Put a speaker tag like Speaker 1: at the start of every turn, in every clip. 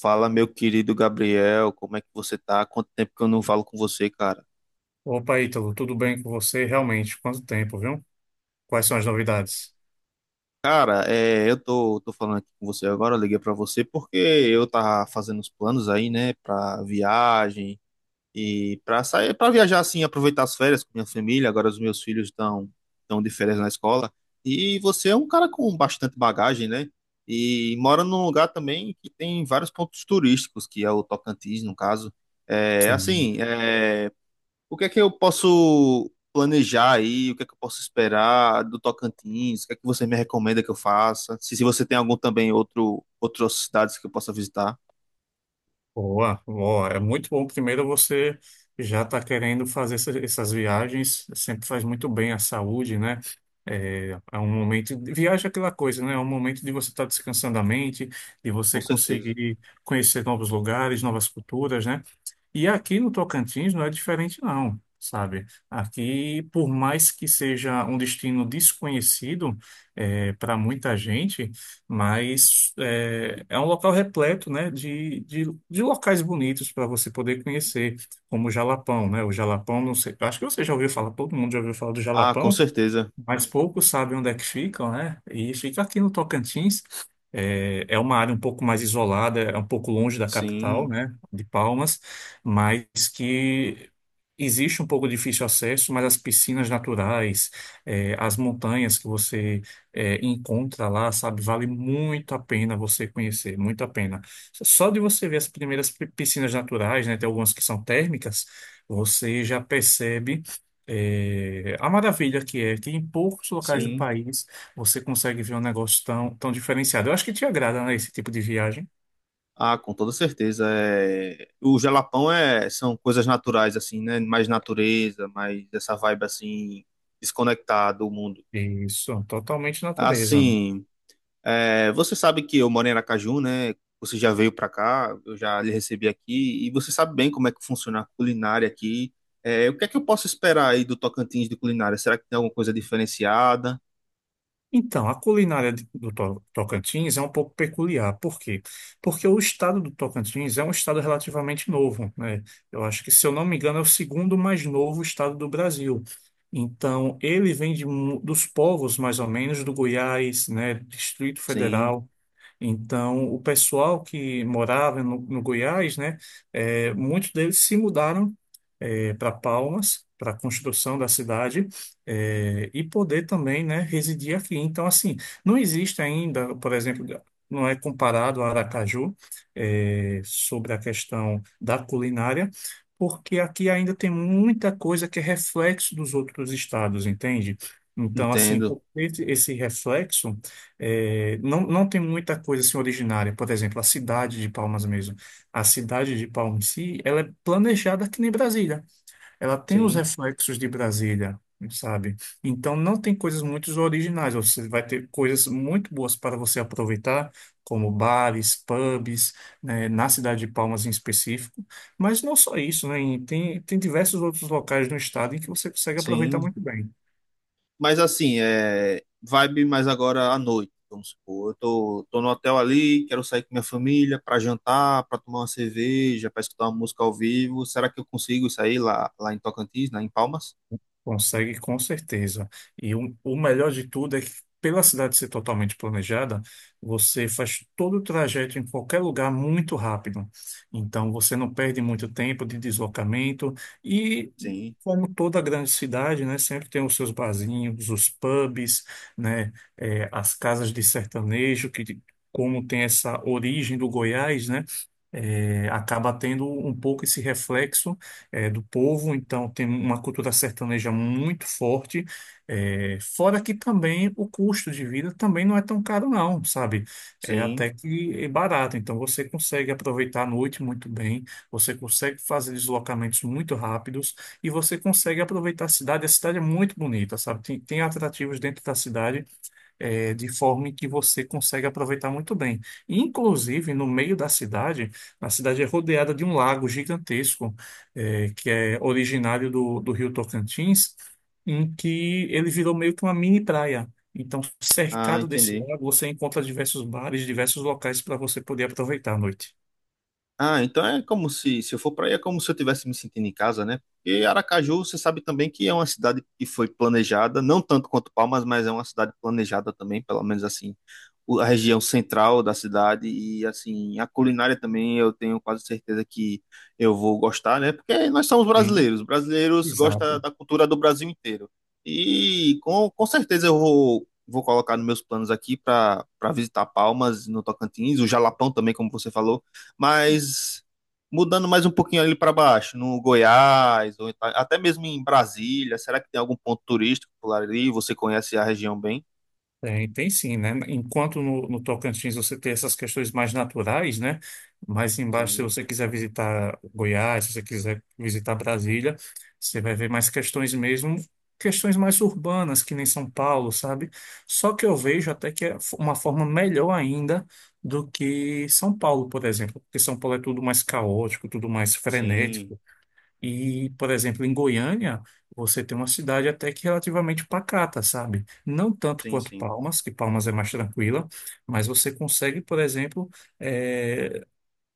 Speaker 1: Fala, meu querido Gabriel, como é que você tá? Quanto tempo que eu não falo com você, cara?
Speaker 2: Opa, Ítalo, tudo bem com você? Realmente, quanto tempo, viu? Quais são as novidades?
Speaker 1: Cara, eu tô falando aqui com você agora, eu liguei pra você porque eu tava fazendo os planos aí, né, pra viagem e pra sair, pra viajar assim, aproveitar as férias com minha família. Agora os meus filhos estão de férias na escola. E você é um cara com bastante bagagem, né? E mora num lugar também que tem vários pontos turísticos, que é o Tocantins, no caso. É
Speaker 2: Sim.
Speaker 1: assim, é, O que é que eu posso planejar aí? O que é que eu posso esperar do Tocantins? O que é que você me recomenda que eu faça? Se você tem algum também outro outras cidades que eu possa visitar,
Speaker 2: Boa, boa. É muito bom. Primeiro, você já está querendo fazer essas viagens. Sempre faz muito bem à saúde, né? É um Viagem é aquela coisa, né? É um momento de você estar descansando a mente, de
Speaker 1: com
Speaker 2: você
Speaker 1: certeza.
Speaker 2: conseguir conhecer novos lugares, novas culturas, né? E aqui no Tocantins não é diferente, não, sabe? Aqui, por mais que seja um destino desconhecido para muita gente, mas é um local repleto, né, de locais bonitos para você poder conhecer, como o Jalapão, né? O Jalapão, não sei, acho que você já ouviu falar, todo mundo já ouviu falar do
Speaker 1: Ah, com
Speaker 2: Jalapão,
Speaker 1: certeza.
Speaker 2: mas poucos sabem onde é que ficam, né? E fica aqui no Tocantins. É uma área um pouco mais isolada, é um pouco longe da capital,
Speaker 1: Sim,
Speaker 2: né, de Palmas, mas que existe um pouco difícil acesso, mas as piscinas naturais, as montanhas que você encontra lá, sabe, vale muito a pena você conhecer, muito a pena. Só de você ver as primeiras piscinas naturais, né, tem algumas que são térmicas, você já percebe a maravilha que é que em poucos locais do
Speaker 1: sim.
Speaker 2: país você consegue ver um negócio tão, tão diferenciado. Eu acho que te agrada, né, esse tipo de viagem.
Speaker 1: Ah, com toda certeza. É... O Jalapão são coisas naturais assim, né? Mais natureza, mais essa vibe assim desconectada do mundo.
Speaker 2: Isso, totalmente natureza, né?
Speaker 1: Assim, é, você sabe que eu moro em Aracaju, né? Você já veio para cá, eu já lhe recebi aqui, e você sabe bem como é que funciona a culinária aqui. É, o que é que eu posso esperar aí do Tocantins de culinária? Será que tem alguma coisa diferenciada?
Speaker 2: Então, a culinária Tocantins é um pouco peculiar. Por quê? Porque o estado do Tocantins é um estado relativamente novo, né? Eu acho que, se eu não me engano, é o segundo mais novo estado do Brasil. Então, ele vem de dos povos, mais ou menos, do Goiás, né, Distrito
Speaker 1: Sim,
Speaker 2: Federal. Então, o pessoal que morava no Goiás, né, muitos deles se mudaram para Palmas, para a construção da cidade, e poder também, né, residir aqui. Então, assim, não existe ainda, por exemplo, não é comparado a Aracaju, sobre a questão da culinária, porque aqui ainda tem muita coisa que é reflexo dos outros estados, entende? Então, assim,
Speaker 1: entendo.
Speaker 2: por ter esse reflexo. É, não, não tem muita coisa assim originária. Por exemplo, a cidade de Palmas mesmo. A cidade de Palmas em si, ela é planejada que nem Brasília. Ela tem os
Speaker 1: Sim,
Speaker 2: reflexos de Brasília, sabe? Então não tem coisas muito originais. Você vai ter coisas muito boas para você aproveitar, como bares, pubs, né, na cidade de Palmas em específico. Mas não só isso, né? E tem, tem diversos outros locais no estado em que você consegue aproveitar
Speaker 1: sim.
Speaker 2: muito bem.
Speaker 1: Mas assim, é vibe mais agora à noite, vamos supor. Eu tô no hotel ali, quero sair com minha família para jantar, para tomar uma cerveja, para escutar uma música ao vivo. Será que eu consigo sair lá em Tocantins, né, em Palmas?
Speaker 2: Consegue com certeza. E o melhor de tudo é que, pela cidade ser totalmente planejada, você faz todo o trajeto em qualquer lugar muito rápido. Então, você não perde muito tempo de deslocamento. E,
Speaker 1: Sim,
Speaker 2: como toda grande cidade, né, sempre tem os seus barzinhos, os pubs, né, as casas de sertanejo, que, como tem essa origem do Goiás, né, acaba tendo um pouco esse reflexo do povo, então tem uma cultura sertaneja muito forte. Fora que também o custo de vida também não é tão caro, não, sabe? É
Speaker 1: sim.
Speaker 2: até que é barato, então você consegue aproveitar a noite muito bem, você consegue fazer deslocamentos muito rápidos e você consegue aproveitar a cidade. A cidade é muito bonita, sabe? Tem, tem atrativos dentro da cidade de forma em que você consegue aproveitar muito bem. Inclusive, no meio da cidade, a cidade é rodeada de um lago gigantesco, que é originário do Rio Tocantins, em que ele virou meio que uma mini praia. Então,
Speaker 1: Ah,
Speaker 2: cercado desse
Speaker 1: entendi.
Speaker 2: lago, você encontra diversos bares, diversos locais para você poder aproveitar a noite.
Speaker 1: Ah, então é como se eu for para aí, é como se eu estivesse me sentindo em casa, né? Porque Aracaju, você sabe também que é uma cidade que foi planejada, não tanto quanto Palmas, mas é uma cidade planejada também, pelo menos assim, a região central da cidade e assim, a culinária também eu tenho quase certeza que eu vou gostar, né? Porque nós somos
Speaker 2: Sim,
Speaker 1: brasileiros, brasileiros gostam
Speaker 2: exato.
Speaker 1: da cultura do Brasil inteiro. E com certeza eu vou colocar nos meus planos aqui para para visitar Palmas, no Tocantins, o Jalapão também, como você falou, mas mudando mais um pouquinho ali para baixo, no Goiás, ou então até mesmo em Brasília, será que tem algum ponto turístico por ali? Você conhece a região bem?
Speaker 2: Tem, tem sim, né? Enquanto no Tocantins você tem essas questões mais naturais, né? Mais embaixo, se
Speaker 1: Sim,
Speaker 2: você quiser visitar Goiás, se você quiser visitar Brasília, você vai ver mais questões mesmo, questões mais urbanas, que nem São Paulo, sabe? Só que eu vejo até que é uma forma melhor ainda do que São Paulo, por exemplo, porque São Paulo é tudo mais caótico, tudo mais
Speaker 1: sim,
Speaker 2: frenético. E, por exemplo, em Goiânia, você tem uma cidade até que relativamente pacata, sabe? Não tanto
Speaker 1: sim,
Speaker 2: quanto
Speaker 1: sim,
Speaker 2: Palmas, que Palmas é mais tranquila, mas você consegue, por exemplo, eh,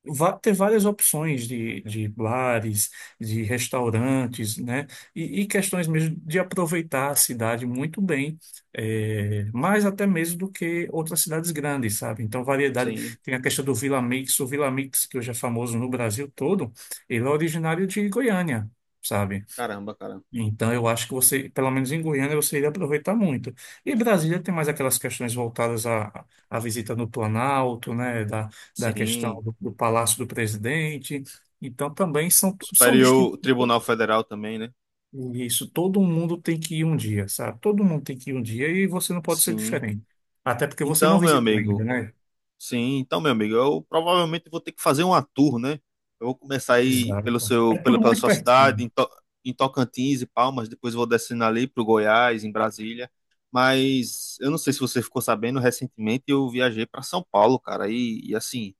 Speaker 2: ter várias opções de bares, de restaurantes, né? E questões mesmo de aproveitar a cidade muito bem, mais até mesmo do que outras cidades grandes, sabe? Então, variedade.
Speaker 1: sim.
Speaker 2: Tem a questão do Vila Mix, o Vila Mix, que hoje é famoso no Brasil todo, ele é originário de Goiânia, sabe?
Speaker 1: Caramba, cara.
Speaker 2: Então, eu acho que você, pelo menos em Goiânia, você iria aproveitar muito. E Brasília tem mais aquelas questões voltadas à, à visita no Planalto, né, da, da questão
Speaker 1: Sim.
Speaker 2: do Palácio do Presidente. Então, também são, são distintos.
Speaker 1: Superior Tribunal Federal também, né?
Speaker 2: E isso, todo mundo tem que ir um dia, sabe? Todo mundo tem que ir um dia e você não pode ser
Speaker 1: Sim.
Speaker 2: diferente. Até porque você não
Speaker 1: Então, meu
Speaker 2: visitou ainda,
Speaker 1: amigo,
Speaker 2: né?
Speaker 1: sim, então, meu amigo, eu provavelmente vou ter que fazer uma tour, né? Eu vou começar aí pelo
Speaker 2: Exato. É
Speaker 1: seu,
Speaker 2: tudo
Speaker 1: pela
Speaker 2: muito
Speaker 1: sua cidade,
Speaker 2: pertinho,
Speaker 1: em, em Tocantins e Palmas, depois vou descendo ali para o Goiás, em Brasília. Mas eu não sei se você ficou sabendo, recentemente eu viajei para São Paulo, cara, e assim,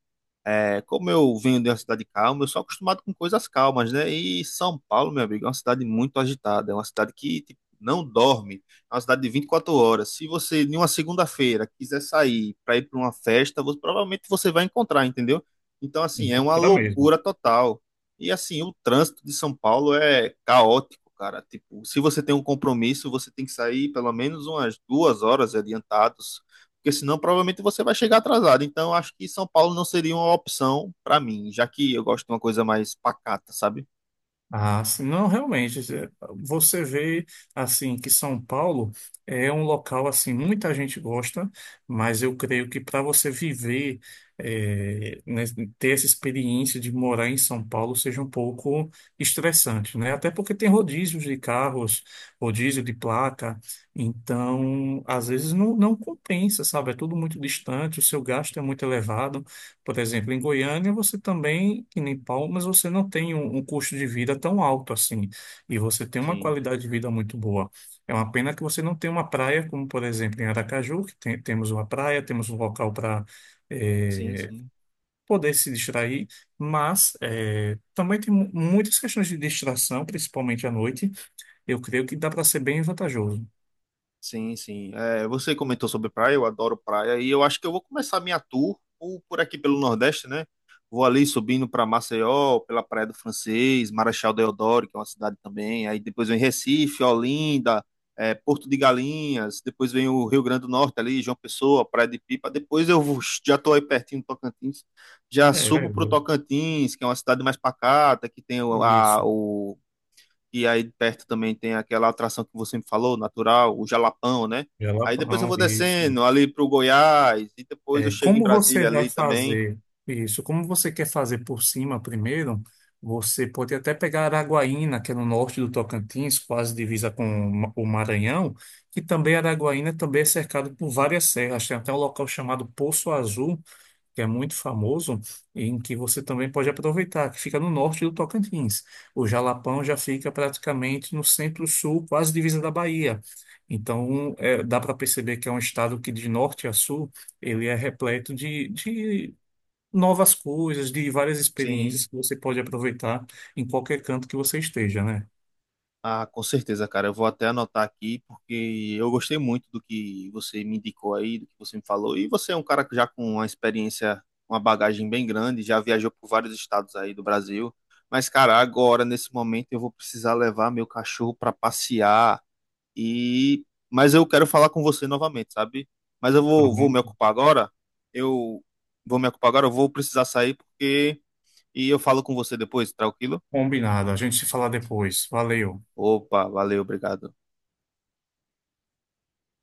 Speaker 1: é, como eu venho de uma cidade calma, eu sou acostumado com coisas calmas, né? E São Paulo, meu amigo, é uma cidade muito agitada, é uma cidade que tipo, não dorme, é uma cidade de 24 horas. Se você, em uma segunda-feira, quiser sair para ir para uma festa, provavelmente você vai encontrar, entendeu? Então, assim, é uma
Speaker 2: encontra mesmo.
Speaker 1: loucura total. E, assim, o trânsito de São Paulo é caótico, cara. Tipo, se você tem um compromisso, você tem que sair pelo menos umas duas horas adiantados, porque senão provavelmente você vai chegar atrasado. Então acho que São Paulo não seria uma opção para mim, já que eu gosto de uma coisa mais pacata, sabe?
Speaker 2: Ah, sim, não, realmente, é, você vê, assim, que São Paulo é um local, assim, muita gente gosta, mas eu creio que para você viver, é, né, ter essa experiência de morar em São Paulo seja um pouco estressante, né? Até porque tem rodízios de carros, rodízio de placa, então, às vezes não, não compensa, sabe? É tudo muito distante, o seu gasto é muito elevado, por exemplo, em Goiânia você também, que nem Palmas, você não tem um custo de vida tão alto assim. E você tem uma
Speaker 1: Sim,
Speaker 2: qualidade de vida muito boa. É uma pena que você não tem uma praia, como por exemplo em Aracaju, que temos uma praia, temos um local para
Speaker 1: sim, sim.
Speaker 2: poder se distrair, mas também tem muitas questões de distração, principalmente à noite. Eu creio que dá para ser bem vantajoso.
Speaker 1: Sim, sim. É, você comentou sobre praia, eu adoro praia e eu acho que eu vou começar minha tour por aqui pelo Nordeste, né? Vou ali subindo para Maceió, pela Praia do Francês, Marechal Deodoro, que é uma cidade também. Aí depois vem Recife, Olinda, é, Porto de Galinhas. Depois vem o Rio Grande do Norte ali, João Pessoa, Praia de Pipa. Depois já estou aí pertinho do Tocantins, já
Speaker 2: É
Speaker 1: subo para o
Speaker 2: verdade.
Speaker 1: Tocantins, que é uma cidade mais pacata, que tem
Speaker 2: Isso.
Speaker 1: o, e aí perto também tem aquela atração que você me falou, natural, o Jalapão, né? Aí depois eu
Speaker 2: Jalapão,
Speaker 1: vou
Speaker 2: isso.
Speaker 1: descendo ali pro Goiás e depois eu
Speaker 2: É,
Speaker 1: chego em
Speaker 2: como você
Speaker 1: Brasília
Speaker 2: vai
Speaker 1: ali também.
Speaker 2: fazer isso? Como você quer fazer por cima primeiro? Você pode até pegar Araguaína, que é no norte do Tocantins, quase divisa com o o Maranhão, que também Araguaína também é cercado por várias serras. Tem até um local chamado Poço Azul, que é muito famoso, em que você também pode aproveitar, que fica no norte do Tocantins. O Jalapão já fica praticamente no centro-sul, quase divisa da Bahia. Então, é, dá para perceber que é um estado que, de norte a sul, ele é repleto de novas coisas, de várias experiências
Speaker 1: Sim.
Speaker 2: que você pode aproveitar em qualquer canto que você esteja, né?
Speaker 1: Ah, com certeza, cara. Eu vou até anotar aqui porque eu gostei muito do que você me indicou aí, do que você me falou. E você é um cara que já com uma experiência, uma bagagem bem grande, já viajou por vários estados aí do Brasil. Mas, cara, agora, nesse momento, eu vou precisar levar meu cachorro para passear, e mas eu quero falar com você novamente, sabe? Mas eu
Speaker 2: Tá.
Speaker 1: vou, vou me ocupar agora. Eu vou me ocupar agora, eu vou precisar sair, porque e eu falo com você depois, tranquilo?
Speaker 2: Combinado. A gente se fala depois. Valeu.
Speaker 1: Opa, valeu, obrigado.